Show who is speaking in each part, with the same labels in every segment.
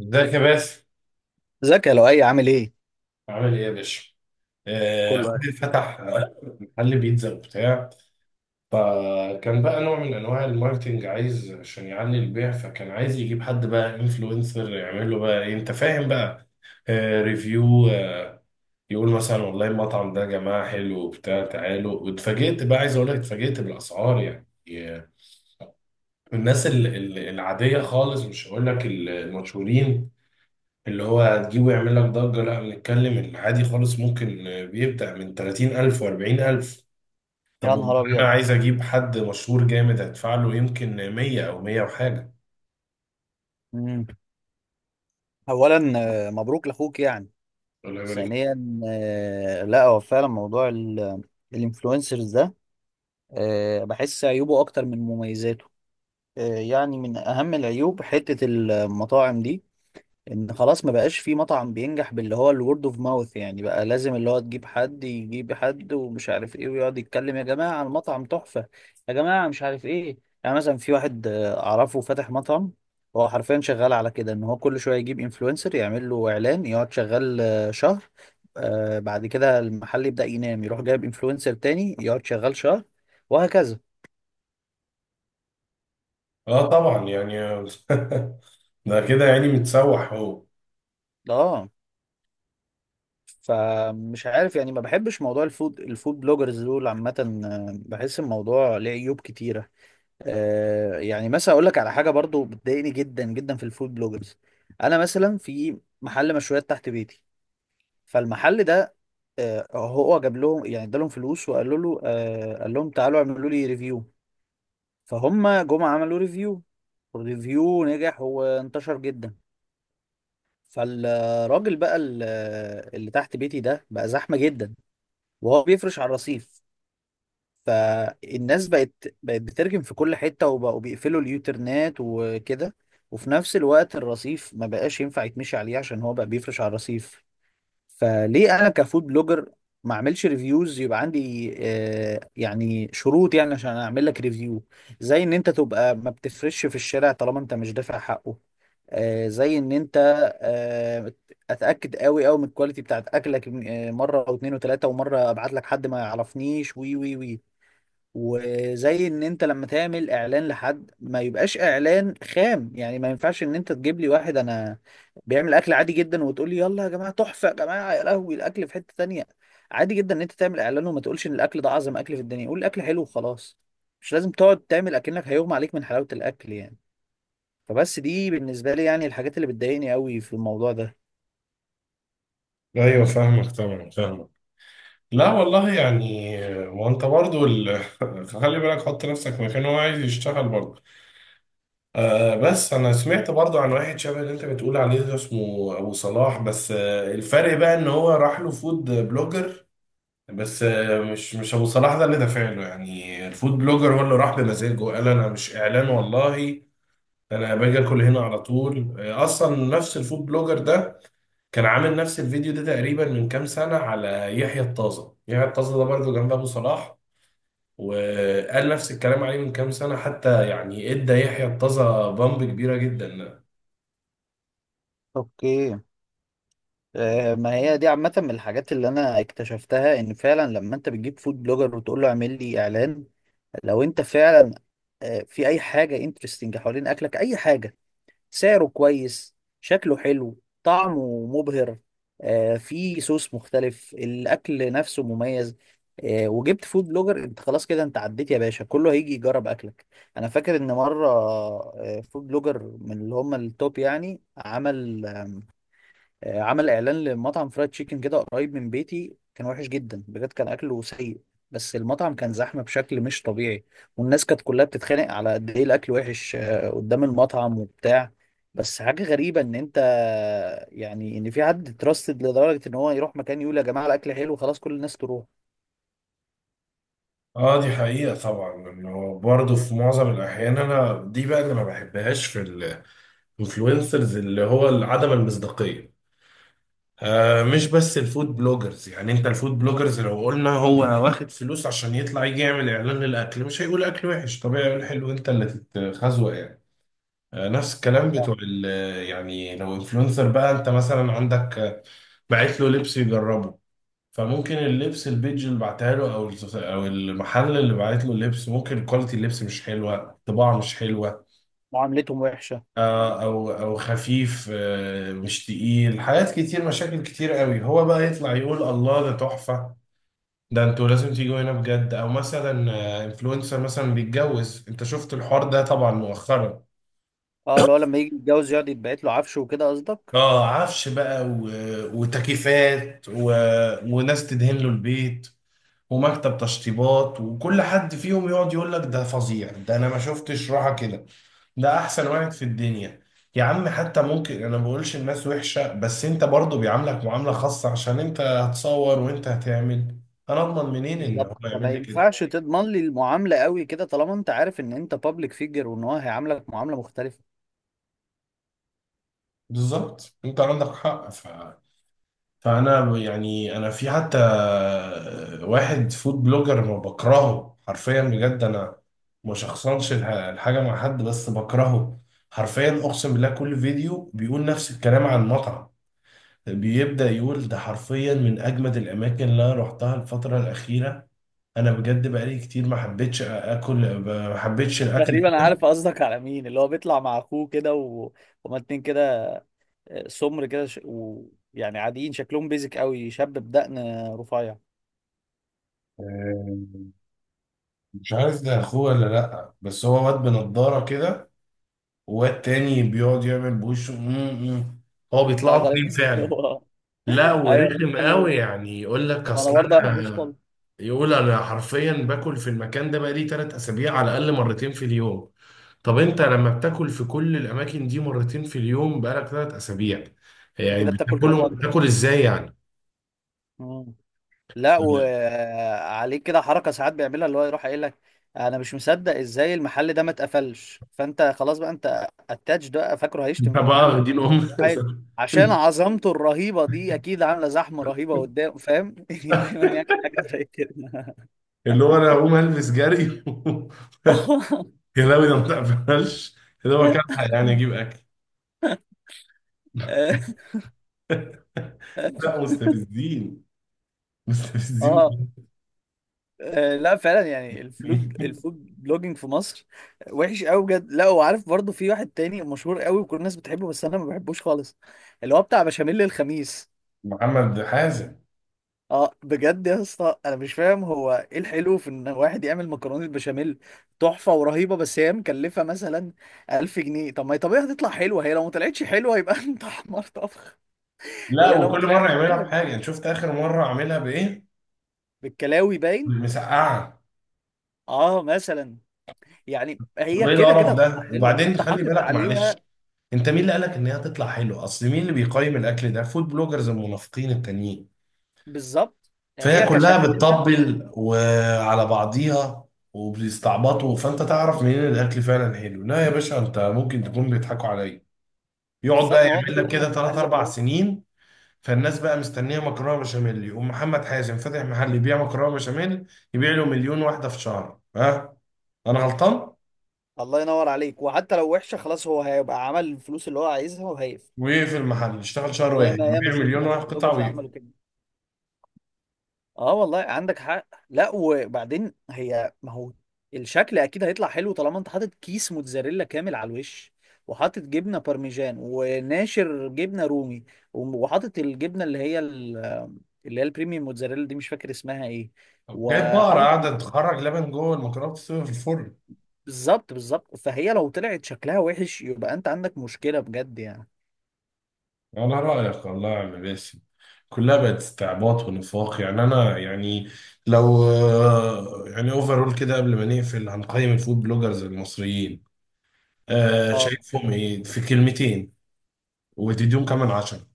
Speaker 1: ازيك يا باسم.
Speaker 2: ازيك يا لؤي عامل ايه؟
Speaker 1: عامل ايه يا باشا؟
Speaker 2: كله
Speaker 1: اخوي
Speaker 2: عارف.
Speaker 1: فتح محل بيتزا وبتاع. فكان بقى نوع من انواع الماركتينج، عايز عشان يعلي البيع، فكان عايز يجيب حد بقى انفلونسر يعمل له بقى ايه، انت فاهم بقى، ريفيو، يقول مثلا والله المطعم ده يا جماعه حلو وبتاع تعالوا. واتفاجئت بقى، عايز اقول لك اتفاجئت بالاسعار، يعني آه، الناس العاديه خالص، مش هقول لك المشهورين اللي هو هتجيبه يعمل لك ضجة، لا بنتكلم العادي خالص، ممكن بيبدأ من 30,000 و40,000. طب
Speaker 2: يا نهار
Speaker 1: أنا
Speaker 2: ابيض.
Speaker 1: عايز أجيب حد مشهور جامد، هدفع له يمكن 100 أو 100 وحاجة،
Speaker 2: مم. اولا، مبروك لاخوك يعني.
Speaker 1: ولا بالك؟
Speaker 2: ثانيا، لا هو فعلا موضوع الانفلونسرز ده. بحس عيوبه اكتر من مميزاته. يعني من اهم العيوب حتة المطاعم دي ان خلاص ما بقاش في مطعم بينجح باللي هو الورد اوف ماوث، يعني بقى لازم اللي هو تجيب حد يجيب حد ومش عارف ايه ويقعد يتكلم يا جماعة المطعم تحفة، يا جماعة مش عارف ايه. يعني مثلا في واحد اعرفه فاتح مطعم. هو حرفيا شغال على كده ان هو كل شوية يجيب انفلونسر يعمل له اعلان يقعد شغال شهر. بعد كده المحل يبدأ ينام، يروح جايب انفلونسر تاني يقعد شغال شهر، وهكذا.
Speaker 1: طبعا يعني، ده كده يعني متسوح هو.
Speaker 2: اه، فمش عارف يعني ما بحبش موضوع الفود بلوجرز دول عامة. بحس الموضوع ليه عيوب كتيرة. يعني مثلا اقول لك على حاجة برضو بتضايقني جدا جدا في الفود بلوجرز. انا مثلا في محل مشويات تحت بيتي، فالمحل ده هو جاب لهم يعني ادالهم فلوس وقالوا له قال لهم تعالوا اعملوا لي ريفيو، فهم جم عملوا ريفيو والريفيو نجح وانتشر جدا. فالراجل بقى اللي تحت بيتي ده بقى زحمة جدا وهو بيفرش على الرصيف. فالناس بقت بترجم في كل حتة وبقوا بيقفلوا اليوترنات وكده، وفي نفس الوقت الرصيف ما بقاش ينفع يتمشي عليه عشان هو بقى بيفرش على الرصيف. فليه انا كفود بلوجر ما اعملش ريفيوز يبقى عندي يعني شروط، يعني عشان اعمل لك ريفيو. زي ان انت تبقى ما بتفرش في الشارع طالما انت مش دافع حقه. زي ان انت آه، اتاكد قوي قوي من الكواليتي بتاعت اكلك مره او اتنين وتلاته، ومره ابعت لك حد ما يعرفنيش وي وي وي. وزي ان انت لما تعمل اعلان لحد ما يبقاش اعلان خام، يعني ما ينفعش ان انت تجيب لي واحد انا بيعمل اكل عادي جدا وتقول لي يلا يا جماعه تحفه يا جماعه يا لهوي الاكل في حته تانية. عادي جدا ان انت تعمل اعلان وما تقولش ان الاكل ده اعظم اكل في الدنيا، قول الاكل حلو وخلاص، مش لازم تقعد تعمل اكنك هيغمى عليك من حلاوه الاكل يعني. فبس دي بالنسبه لي يعني الحاجات اللي بتضايقني قوي في الموضوع ده.
Speaker 1: أيوه فاهمك، طبعا فاهمك. لا والله يعني، وأنت برضو خلي بالك، حط نفسك مكان هو عايز يشتغل برضو. بس انا سمعت برضو عن واحد شبه اللي انت بتقول عليه ده، اسمه ابو صلاح، بس الفرق بقى ان هو راح له فود بلوجر، بس مش ابو صلاح ده اللي دافع له، يعني الفود بلوجر هو اللي راح بمزاجه، قال انا مش اعلان والله، انا باجي اكل هنا على طول. اصلا نفس الفود بلوجر ده كان عامل نفس الفيديو ده تقريبا من كام سنة على يحيى الطازة. يحيى الطازة ده برضو جنب ابو صلاح، وقال نفس الكلام عليه من كام سنة، حتى يعني ادى يحيى الطازة بامب كبيرة جدا.
Speaker 2: اوكي. ما هي دي عامة من الحاجات اللي أنا اكتشفتها إن فعلا لما أنت بتجيب فود بلوجر وتقول له اعمل لي إعلان. لو انت فعلا في اي حاجه انترستنج حوالين اكلك، اي حاجه، سعره كويس شكله حلو طعمه مبهر، في صوص مختلف الاكل نفسه مميز، وجبت فود بلوجر، انت خلاص كده انت عديت يا باشا، كله هيجي يجرب اكلك. انا فاكر ان مره فود بلوجر من اللي هم التوب يعني عمل اعلان لمطعم فرايد تشيكن كده قريب من بيتي، كان وحش جدا بجد كان اكله سيء، بس المطعم كان زحمه بشكل مش طبيعي. والناس كانت كلها بتتخانق على قد ايه الاكل وحش قدام المطعم وبتاع. بس حاجه غريبه ان انت يعني ان في حد تراستد لدرجه ان هو يروح مكان يقول يا جماعه الاكل حلو خلاص كل الناس تروح.
Speaker 1: اه، دي حقيقة طبعا، انه برضه في معظم الاحيان، انا دي بقى اللي ما بحبهاش في الانفلونسرز، اللي هو عدم المصداقية. مش بس الفود بلوجرز، يعني انت الفود بلوجرز لو قلنا هو واخد فلوس عشان يطلع يجي يعمل اعلان للاكل، مش هيقول اكل وحش، طبيعي يقول حلو، انت اللي تتخزوق يعني. نفس الكلام
Speaker 2: آه،
Speaker 1: بتوع يعني لو انفلونسر بقى، انت مثلا عندك بعت له لبس يجربه، فممكن اللبس البيج اللي بعتها له، او المحل اللي بعت له اللبس، ممكن كواليتي اللبس مش حلوه، الطباعه مش حلوه،
Speaker 2: معاملتهم وحشه.
Speaker 1: او خفيف، مش تقيل، حاجات كتير، مشاكل كتير قوي، هو بقى يطلع يقول الله ده تحفه، ده انتوا لازم تيجوا هنا بجد. او مثلا انفلونسر مثلا بيتجوز، انت شفت الحوار ده طبعا مؤخرا.
Speaker 2: اه، اللي هو لما يجي يتجوز يقعد يتبعت له عفشه وكده قصدك؟
Speaker 1: اه، عفش بقى و- وتكييفات و- وناس تدهن له البيت، ومكتب تشطيبات، وكل حد فيهم يقعد يقول لك ده فظيع، ده انا ما شفتش راحة كده، ده احسن واحد في الدنيا. يا عم حتى ممكن، انا ما بقولش الناس وحشة، بس انت برضو بيعاملك معاملة خاصة عشان انت هتصور وانت هتعمل. انا اضمن منين ان هو
Speaker 2: بالظبط، فما
Speaker 1: يعمل لي كده؟
Speaker 2: ينفعش تضمن لي المعامله قوي كده طالما انت عارف ان انت بابليك فيجر وان هو هيعاملك معامله مختلفه.
Speaker 1: بالظبط، انت عندك حق. فانا يعني، انا في حتى واحد فود بلوجر ما بكرهه حرفيا بجد، انا ما شخصنش الحاجه مع حد، بس بكرهه حرفيا، اقسم بالله كل فيديو بيقول نفس الكلام عن مطعم، بيبدا يقول ده حرفيا من اجمد الاماكن اللي انا رحتها الفتره الاخيره، انا بجد بقالي كتير ما حبيتش اكل، ما حبيتش الاكل.
Speaker 2: تقريبا عارف قصدك على مين، اللي هو بيطلع مع اخوه كده. هما اتنين كده، سمر كده. يعني عاديين شكلهم بيزك قوي، شاب بدقن رفيع.
Speaker 1: آه، مش عارف ده اخوه ولا لا، بس هو واد بنضاره كده، والتاني بيقعد يعمل بوشه هو
Speaker 2: اه
Speaker 1: بيطلعوا اتنين
Speaker 2: غالبا
Speaker 1: فعلا.
Speaker 2: هو.
Speaker 1: لا
Speaker 2: ايوه
Speaker 1: ورخم
Speaker 2: غالبا هو.
Speaker 1: قوي، يعني يقول لك
Speaker 2: انا
Speaker 1: اصل
Speaker 2: برضه ما بحبوش
Speaker 1: انا،
Speaker 2: خالص.
Speaker 1: يقول انا حرفيا باكل في المكان ده بقالي 3 اسابيع على الاقل مرتين في اليوم. طب انت لما بتاكل في كل الاماكن دي مرتين في اليوم بقالك 3 اسابيع،
Speaker 2: انت
Speaker 1: يعني
Speaker 2: كده بتاكل كام
Speaker 1: بتاكلهم،
Speaker 2: وجبه؟
Speaker 1: بتاكل ازاي يعني؟
Speaker 2: مم.
Speaker 1: ف-
Speaker 2: لا، وعليه كده حركه ساعات بيعملها اللي هو يروح قايل لك انا مش مصدق ازاي المحل ده ما اتقفلش، فانت خلاص بقى انت اتاتش ده، فاكره
Speaker 1: انت
Speaker 2: هيشتم في
Speaker 1: بقى
Speaker 2: المحل؟
Speaker 1: واخدين ام.
Speaker 2: يروح قايل عشان عظمته الرهيبه دي اكيد عامله زحمه رهيبه قدام، فاهم؟ دايما يعني حاجه زي كده.
Speaker 1: اللي هو انا هقوم البس جري. كلاوي ده ما تقبلش، ده هو كان يعني اجيب اكل. لا مستفزين، مستفزين
Speaker 2: اه.
Speaker 1: بجد.
Speaker 2: لا فعلا يعني الفود بلوجينج في مصر وحش قوي بجد. لا، وعارف برضو في واحد تاني مشهور قوي وكل الناس بتحبه بس انا ما بحبوش خالص، اللي هو بتاع بشاميل الخميس.
Speaker 1: محمد حازم.
Speaker 2: اه بجد يا اسطى انا مش فاهم هو ايه الحلو في ان واحد يعمل مكرونه بشاميل تحفه ورهيبه بس هي مكلفه مثلا 1000 جنيه. طب ما هي طبيعي هتطلع حلوه، هي لو ما طلعتش حلوه يبقى انت حمار طبخ.
Speaker 1: لا،
Speaker 2: هي لو ما
Speaker 1: وكل مره
Speaker 2: طلعتش
Speaker 1: يعملها
Speaker 2: حلوه
Speaker 1: بحاجه، انت شفت اخر مره عاملها بايه؟
Speaker 2: بالكلاوي باين.
Speaker 1: مسقعه.
Speaker 2: اه مثلا، يعني
Speaker 1: طب
Speaker 2: هي
Speaker 1: ايه
Speaker 2: كده كده
Speaker 1: القرف
Speaker 2: هتطلع
Speaker 1: ده؟
Speaker 2: حلوه
Speaker 1: وبعدين
Speaker 2: انت
Speaker 1: خلي
Speaker 2: حاطط
Speaker 1: بالك معلش،
Speaker 2: عليها.
Speaker 1: انت مين اللي قالك ان هي هتطلع حلوه؟ اصل مين اللي بيقيم الاكل ده؟ فود بلوجرز المنافقين التانيين،
Speaker 2: بالظبط،
Speaker 1: فهي
Speaker 2: هي
Speaker 1: كلها
Speaker 2: كشكلها.
Speaker 1: بتطبل وعلى بعضيها وبيستعبطوا، فانت تعرف منين الاكل فعلا حلو؟ لا يا باشا، انت ممكن تكون بيضحكوا عليا، يقعد
Speaker 2: بالظبط،
Speaker 1: بقى
Speaker 2: ما هو ده
Speaker 1: يعمل لك
Speaker 2: اللي انا
Speaker 1: كده
Speaker 2: كنت
Speaker 1: ثلاث
Speaker 2: عايز
Speaker 1: اربع
Speaker 2: اقوله.
Speaker 1: سنين فالناس بقى مستنيه مكرونه بشاميل، يقوم محمد حازم فاتح محل يبيع مكرونه بشاميل، يبيع له 1,000,000 واحده في شهر. ها، انا غلطان؟
Speaker 2: الله ينور عليك. وحتى لو وحشه خلاص هو هيبقى عمل الفلوس اللي هو عايزها وهيقفل،
Speaker 1: ويقفل المحل، يشتغل شهر
Speaker 2: زي
Speaker 1: واحد
Speaker 2: ما ياما
Speaker 1: يبيع مليون
Speaker 2: شفنا
Speaker 1: واحد
Speaker 2: فوق
Speaker 1: قطعه
Speaker 2: توجز
Speaker 1: ويقفل.
Speaker 2: عملوا كده. اه والله عندك حق. لا وبعدين هي ما هو الشكل اكيد هيطلع حلو طالما انت حاطط كيس موتزاريلا كامل على الوش، وحاطط جبنه بارميجان وناشر جبنه رومي، وحاطط الجبنه اللي هي اللي هي البريميوم موتزاريلا دي مش فاكر اسمها ايه،
Speaker 1: جايب بقرة
Speaker 2: وحاطط.
Speaker 1: قاعدة تخرج لبن جوه المكرونة بتستوي في الفرن.
Speaker 2: بالظبط بالظبط، فهي لو طلعت شكلها وحش يبقى انت عندك مشكلة بجد يعني.
Speaker 1: على رأيك والله يا عم باسم، كلها بقت استعباط ونفاق، يعني أنا يعني لو يعني أوفرول كده قبل ما نقفل هنقيم الفود بلوجرز المصريين،
Speaker 2: اه،
Speaker 1: شايفهم ايه في كلمتين وتديهم كمان 10؟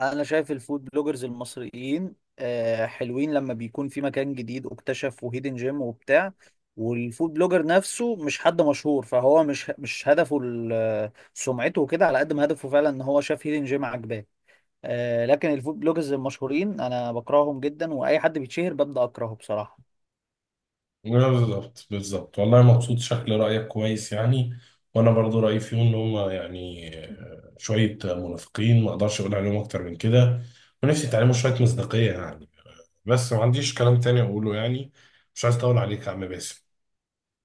Speaker 2: انا شايف الفود بلوجرز المصريين حلوين لما بيكون في مكان جديد اكتشف وهيدن جيم وبتاع، والفود بلوجر نفسه مش حد مشهور فهو مش هدفه سمعته وكده على قد ما هدفه فعلا ان هو شاف هيدن جيم عجباه. لكن الفود بلوجرز المشهورين انا بكرههم جدا واي حد بيتشهر ببدأ اكرهه بصراحة.
Speaker 1: بالظبط بالظبط، والله مبسوط، شكل رأيك كويس يعني. وانا برضو رأيي فيهم ان هم يعني شوية منافقين، ما اقدرش اقول عليهم اكتر من كده، ونفسي يتعلموا شوية مصداقية يعني. بس ما عنديش كلام تاني اقوله يعني، مش عايز اطول عليك يا عم باسم.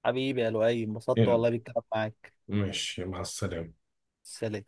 Speaker 2: حبيبي يا لؤي، انبسطت
Speaker 1: يلا،
Speaker 2: والله بالكلام معاك.
Speaker 1: ماشي، مع السلامة.
Speaker 2: سلام.